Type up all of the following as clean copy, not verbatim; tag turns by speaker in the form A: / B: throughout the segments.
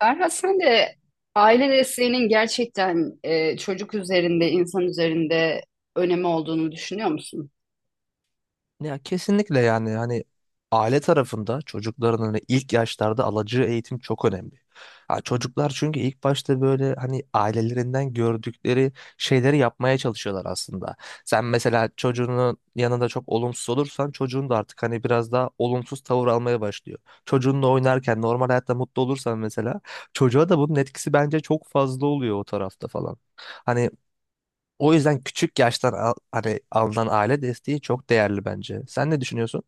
A: Ferhat sen de aile desteğinin gerçekten çocuk üzerinde, insan üzerinde önemi olduğunu düşünüyor musun?
B: Ya kesinlikle yani hani aile tarafında çocukların hani ilk yaşlarda alacağı eğitim çok önemli. Ha, çocuklar çünkü ilk başta böyle hani ailelerinden gördükleri şeyleri yapmaya çalışıyorlar aslında. Sen mesela çocuğunun yanında çok olumsuz olursan çocuğun da artık hani biraz daha olumsuz tavır almaya başlıyor. Çocuğunla oynarken normal hayatta mutlu olursan mesela çocuğa da bunun etkisi bence çok fazla oluyor o tarafta falan. Hani o yüzden küçük yaştan hani alınan aile desteği çok değerli bence. Sen ne düşünüyorsun?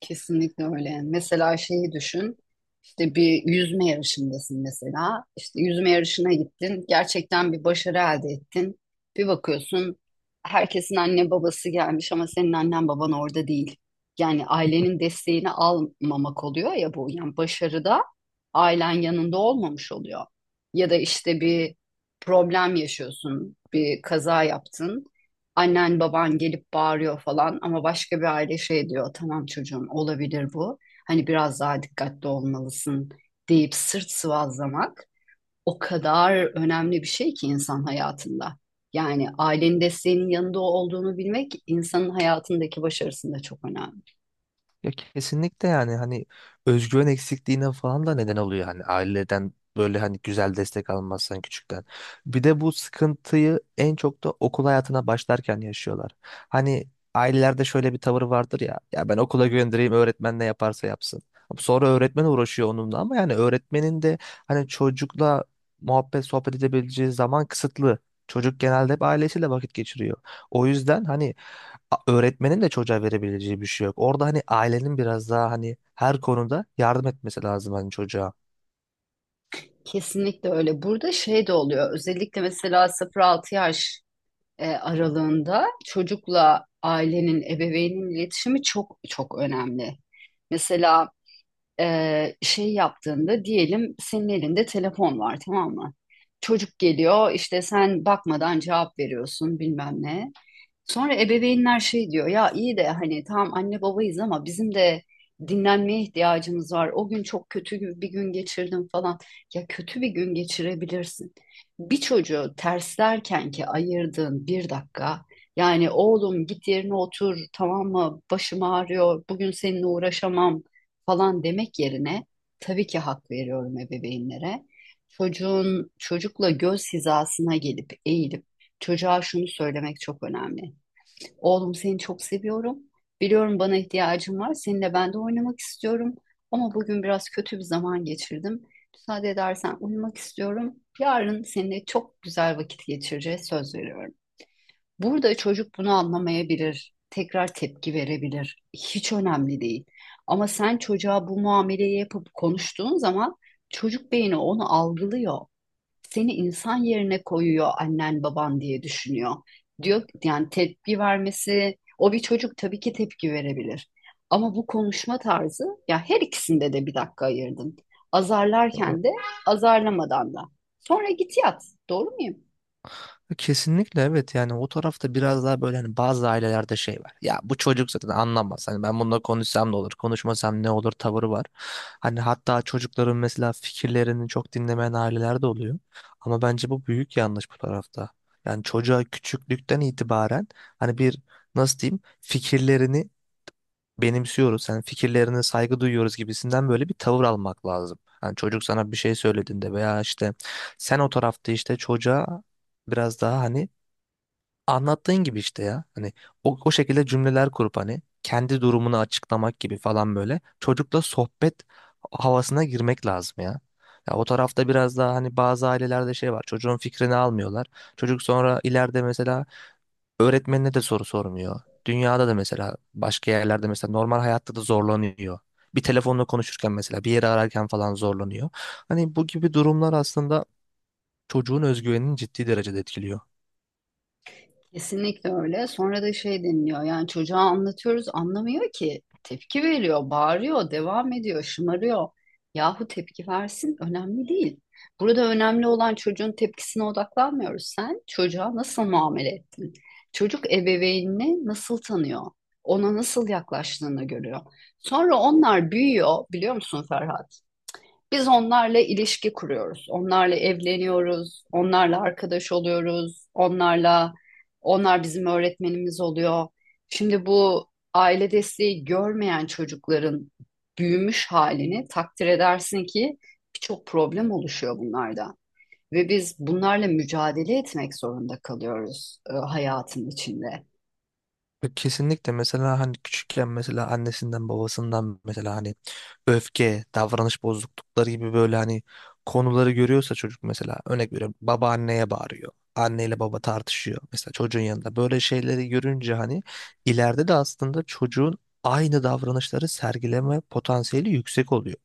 A: Kesinlikle öyle. Mesela şeyi düşün. İşte bir yüzme yarışındasın mesela. İşte yüzme yarışına gittin. Gerçekten bir başarı elde ettin. Bir bakıyorsun herkesin anne babası gelmiş ama senin annen baban orada değil. Yani ailenin desteğini almamak oluyor ya bu. Yani başarıda ailen yanında olmamış oluyor. Ya da işte bir problem yaşıyorsun, bir kaza yaptın, annen baban gelip bağırıyor falan ama başka bir aile şey diyor, tamam çocuğum olabilir bu, hani biraz daha dikkatli olmalısın, deyip sırt sıvazlamak o kadar önemli bir şey ki insan hayatında. Yani ailenin desteğinin yanında olduğunu bilmek insanın hayatındaki başarısında çok önemli.
B: Ya kesinlikle yani hani özgüven eksikliğine falan da neden oluyor hani aileden böyle hani güzel destek almazsan küçükten. Bir de bu sıkıntıyı en çok da okul hayatına başlarken yaşıyorlar. Hani ailelerde şöyle bir tavır vardır, ya ya ben okula göndereyim, öğretmen ne yaparsa yapsın. Sonra öğretmen uğraşıyor onunla, ama yani öğretmenin de hani çocukla muhabbet sohbet edebileceği zaman kısıtlı. Çocuk genelde hep ailesiyle vakit geçiriyor. O yüzden hani öğretmenin de çocuğa verebileceği bir şey yok. Orada hani ailenin biraz daha hani her konuda yardım etmesi lazım hani çocuğa.
A: Kesinlikle öyle. Burada şey de oluyor. Özellikle mesela 0-6 yaş aralığında çocukla ailenin, ebeveynin iletişimi çok çok önemli. Mesela şey yaptığında diyelim senin elinde telefon var, tamam mı? Çocuk geliyor işte, sen bakmadan cevap veriyorsun bilmem ne. Sonra ebeveynler şey diyor, ya iyi de hani tamam anne babayız ama bizim de dinlenmeye ihtiyacımız var. O gün çok bir gün geçirdim falan. Ya kötü bir gün geçirebilirsin. Bir çocuğu terslerken ki ayırdığın bir dakika, yani oğlum git yerine otur tamam mı, başım ağrıyor bugün seninle uğraşamam falan demek yerine, tabii ki hak veriyorum ebeveynlere. Çocukla göz hizasına gelip eğilip çocuğa şunu söylemek çok önemli. Oğlum seni çok seviyorum. Biliyorum bana ihtiyacın var. Seninle ben de oynamak istiyorum. Ama bugün biraz kötü bir zaman geçirdim. Müsaade edersen uyumak istiyorum. Yarın seninle çok güzel vakit geçireceğiz, söz veriyorum. Burada çocuk bunu anlamayabilir. Tekrar tepki verebilir. Hiç önemli değil. Ama sen çocuğa bu muameleyi yapıp konuştuğun zaman çocuk beyni onu algılıyor, seni insan yerine koyuyor, annen baban diye düşünüyor. Diyor yani, tepki vermesi, o bir çocuk, tabii ki tepki verebilir. Ama bu konuşma tarzı ya, her ikisinde de bir dakika ayırdın. Azarlarken de, azarlamadan da. Sonra git yat. Doğru muyum?
B: Kesinlikle, evet, yani o tarafta biraz daha böyle hani bazı ailelerde şey var. Ya bu çocuk zaten anlamaz. Hani ben bununla konuşsam ne olur, konuşmasam ne olur tavırı var. Hani hatta çocukların mesela fikirlerini çok dinlemeyen aileler de oluyor. Ama bence bu büyük yanlış bu tarafta. Yani çocuğa küçüklükten itibaren hani bir, nasıl diyeyim, fikirlerini benimsiyoruz, sen fikirlerine saygı duyuyoruz gibisinden böyle bir tavır almak lazım. Hani çocuk sana bir şey söylediğinde veya işte sen o tarafta işte çocuğa biraz daha hani anlattığın gibi işte ya. Hani o şekilde cümleler kurup hani kendi durumunu açıklamak gibi falan böyle çocukla sohbet havasına girmek lazım ya. Ya o tarafta biraz daha hani bazı ailelerde şey var. Çocuğun fikrini almıyorlar. Çocuk sonra ileride mesela öğretmenine de soru sormuyor. Dünyada da mesela, başka yerlerde mesela, normal hayatta da zorlanıyor. Bir telefonla konuşurken mesela, bir yere ararken falan zorlanıyor. Hani bu gibi durumlar aslında çocuğun özgüvenini ciddi derecede etkiliyor.
A: Kesinlikle öyle. Sonra da şey deniliyor. Yani çocuğa anlatıyoruz, anlamıyor ki. Tepki veriyor, bağırıyor, devam ediyor, şımarıyor. Yahu tepki versin, önemli değil. Burada önemli olan, çocuğun tepkisine odaklanmıyoruz. Sen çocuğa nasıl muamele ettin? Çocuk ebeveynini nasıl tanıyor? Ona nasıl yaklaştığını görüyor. Sonra onlar büyüyor, biliyor musun Ferhat? Biz onlarla ilişki kuruyoruz. Onlarla evleniyoruz, onlarla arkadaş oluyoruz, onlarla, onlar bizim öğretmenimiz oluyor. Şimdi bu aile desteği görmeyen çocukların büyümüş halini takdir edersin ki birçok problem oluşuyor bunlarda. Ve biz bunlarla mücadele etmek zorunda kalıyoruz hayatın içinde.
B: Ya kesinlikle, mesela hani küçükken mesela annesinden babasından mesela hani öfke, davranış bozuklukları gibi böyle hani konuları görüyorsa çocuk, mesela örnek veriyorum, baba anneye bağırıyor. Anneyle baba tartışıyor mesela çocuğun yanında. Böyle şeyleri görünce hani ileride de aslında çocuğun aynı davranışları sergileme potansiyeli yüksek oluyor.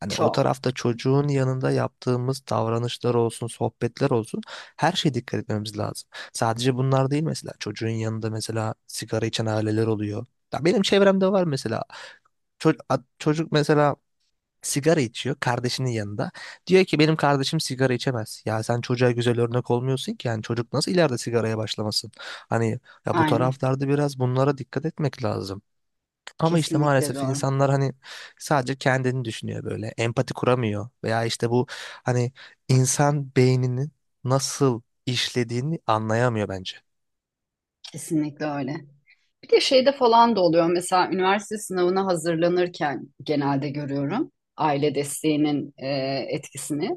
B: Hani o
A: Çok.
B: tarafta çocuğun yanında yaptığımız davranışlar olsun, sohbetler olsun, her şeye dikkat etmemiz lazım. Sadece bunlar değil, mesela çocuğun yanında mesela sigara içen aileler oluyor. Ya benim çevremde var mesela. Çocuk mesela sigara içiyor kardeşinin yanında. Diyor ki benim kardeşim sigara içemez. Ya sen çocuğa güzel örnek olmuyorsun ki, yani çocuk nasıl ileride sigaraya başlamasın? Hani ya, bu
A: Aynen.
B: taraflarda biraz bunlara dikkat etmek lazım. Ama işte
A: Kesinlikle
B: maalesef
A: doğru.
B: insanlar hani sadece kendini düşünüyor böyle. Empati kuramıyor. Veya işte bu hani, insan beyninin nasıl işlediğini anlayamıyor bence.
A: Kesinlikle öyle. Bir de şeyde falan da oluyor, mesela üniversite sınavına hazırlanırken genelde görüyorum aile desteğinin etkisini.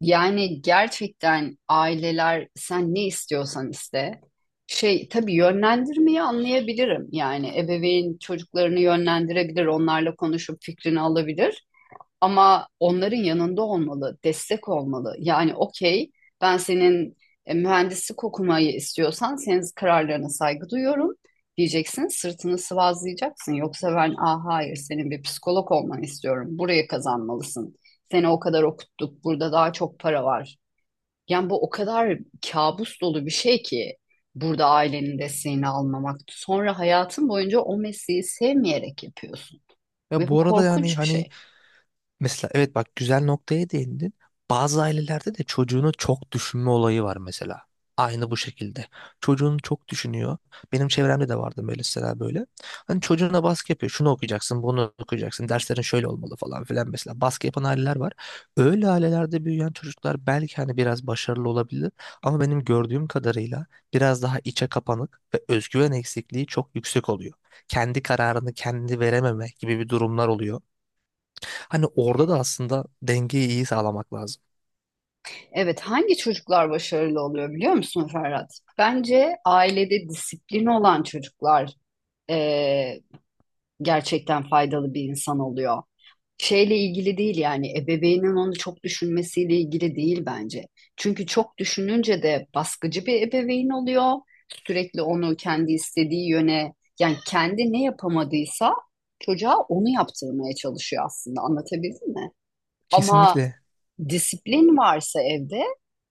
A: Yani gerçekten aileler, sen ne istiyorsan iste. Şey tabii, yönlendirmeyi anlayabilirim. Yani ebeveyn çocuklarını yönlendirebilir, onlarla konuşup fikrini alabilir. Ama onların yanında olmalı, destek olmalı. Yani okey, ben senin mühendislik okumayı istiyorsan senin kararlarına saygı duyuyorum diyeceksin. Sırtını sıvazlayacaksın. Yoksa ben ah hayır, senin bir psikolog olmanı istiyorum. Buraya kazanmalısın. Seni o kadar okuttuk. Burada daha çok para var. Yani bu o kadar kabus dolu bir şey ki, burada ailenin desteğini almamak. Sonra hayatın boyunca o mesleği sevmeyerek yapıyorsun.
B: Ya
A: Ve
B: bu
A: bu
B: arada yani
A: korkunç bir
B: hani,
A: şey.
B: mesela, evet, bak, güzel noktaya değindin. Bazı ailelerde de çocuğunu çok düşünme olayı var mesela. Aynı bu şekilde. Çocuğunu çok düşünüyor. Benim çevremde de vardı böyle mesela, böyle. Hani çocuğuna baskı yapıyor. Şunu okuyacaksın, bunu okuyacaksın. Derslerin şöyle olmalı falan filan mesela. Baskı yapan aileler var. Öyle ailelerde büyüyen çocuklar belki hani biraz başarılı olabilir. Ama benim gördüğüm kadarıyla biraz daha içe kapanık ve özgüven eksikliği çok yüksek oluyor. Kendi kararını kendi verememe gibi bir durumlar oluyor. Hani orada da aslında dengeyi iyi sağlamak lazım.
A: Evet, hangi çocuklar başarılı oluyor biliyor musun Ferhat? Bence ailede disiplin olan çocuklar eee, gerçekten faydalı bir insan oluyor. Şeyle ilgili değil, yani ebeveynin onu çok düşünmesiyle ilgili değil bence. Çünkü çok düşününce de baskıcı bir ebeveyn oluyor. Sürekli onu kendi istediği yöne, yani kendi ne yapamadıysa çocuğa onu yaptırmaya çalışıyor aslında, anlatabildim mi? Ama
B: Kesinlikle.
A: disiplin varsa evde,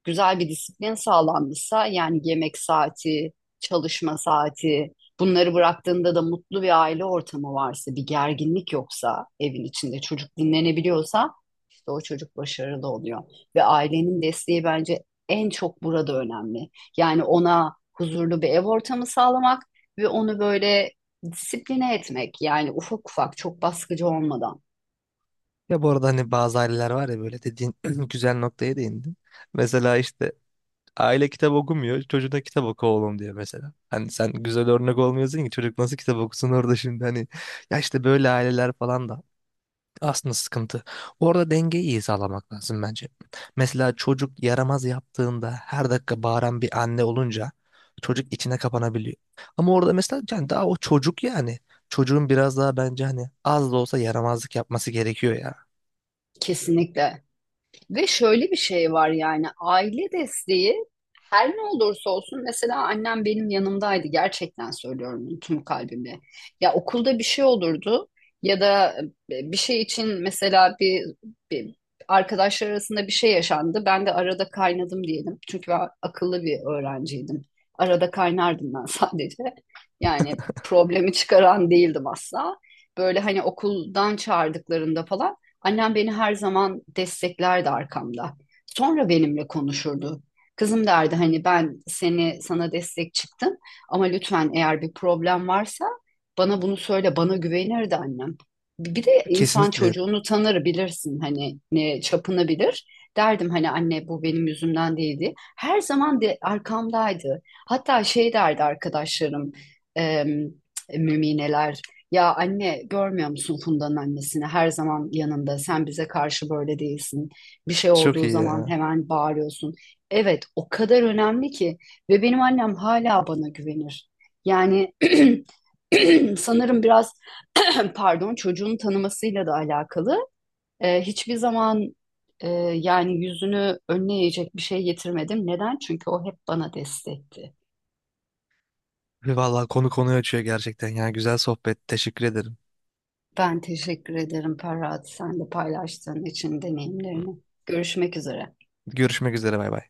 A: güzel bir disiplin sağlanmışsa, yani yemek saati, çalışma saati, bunları bıraktığında da mutlu bir aile ortamı varsa, bir gerginlik yoksa evin içinde, çocuk dinlenebiliyorsa işte o çocuk başarılı oluyor. Ve ailenin desteği bence en çok burada önemli. Yani ona huzurlu bir ev ortamı sağlamak ve onu böyle disipline etmek, yani ufak ufak, çok baskıcı olmadan.
B: Ya bu arada hani bazı aileler var ya böyle, dediğin güzel noktaya değindin. Mesela işte aile kitap okumuyor. Çocuğuna kitap oku oğlum diyor mesela. Hani sen güzel örnek olmuyorsun ki, çocuk nasıl kitap okusun orada şimdi hani. Ya işte böyle aileler falan da aslında sıkıntı. Orada dengeyi iyi sağlamak lazım bence. Mesela çocuk yaramaz yaptığında her dakika bağıran bir anne olunca çocuk içine kapanabiliyor. Ama orada mesela yani, daha o çocuk yani. Çocuğun biraz daha bence hani az da olsa yaramazlık yapması gerekiyor ya.
A: Kesinlikle. Ve şöyle bir şey var, yani aile desteği her ne olursa olsun, mesela annem benim yanımdaydı, gerçekten söylüyorum bunu tüm kalbimle. Ya okulda bir şey olurdu ya da bir şey için, mesela bir arkadaşlar arasında bir şey yaşandı. Ben de arada kaynadım diyelim. Çünkü ben akıllı bir öğrenciydim. Arada kaynardım ben sadece. Yani problemi çıkaran değildim asla. Böyle hani okuldan çağırdıklarında falan, annem beni her zaman desteklerdi arkamda. Sonra benimle konuşurdu. Kızım derdi hani, ben seni, sana destek çıktım ama lütfen eğer bir problem varsa bana bunu söyle, bana güvenirdi annem. Bir de insan
B: Kesinlikle,
A: çocuğunu tanır, bilirsin hani ne çapını bilir. Derdim hani anne, bu benim yüzümden değildi. Her zaman de arkamdaydı. Hatta şey derdi arkadaşlarım, em, mümineler, ya anne görmüyor musun Funda'nın annesini? Her zaman yanında. Sen bize karşı böyle değilsin. Bir şey
B: çok
A: olduğu
B: iyi
A: zaman
B: ya.
A: hemen bağırıyorsun. Evet, o kadar önemli ki, ve benim annem hala bana güvenir. Yani sanırım biraz pardon, çocuğun tanımasıyla da alakalı. Hiçbir zaman e, yani yüzünü önüne eğecek bir şey getirmedim. Neden? Çünkü o hep bana destekti.
B: Vallahi konu konuyu açıyor gerçekten ya. Güzel sohbet. Teşekkür ederim.
A: Ben teşekkür ederim Ferhat, sen de paylaştığın için deneyimlerini. Görüşmek üzere.
B: Görüşmek üzere, bay bay.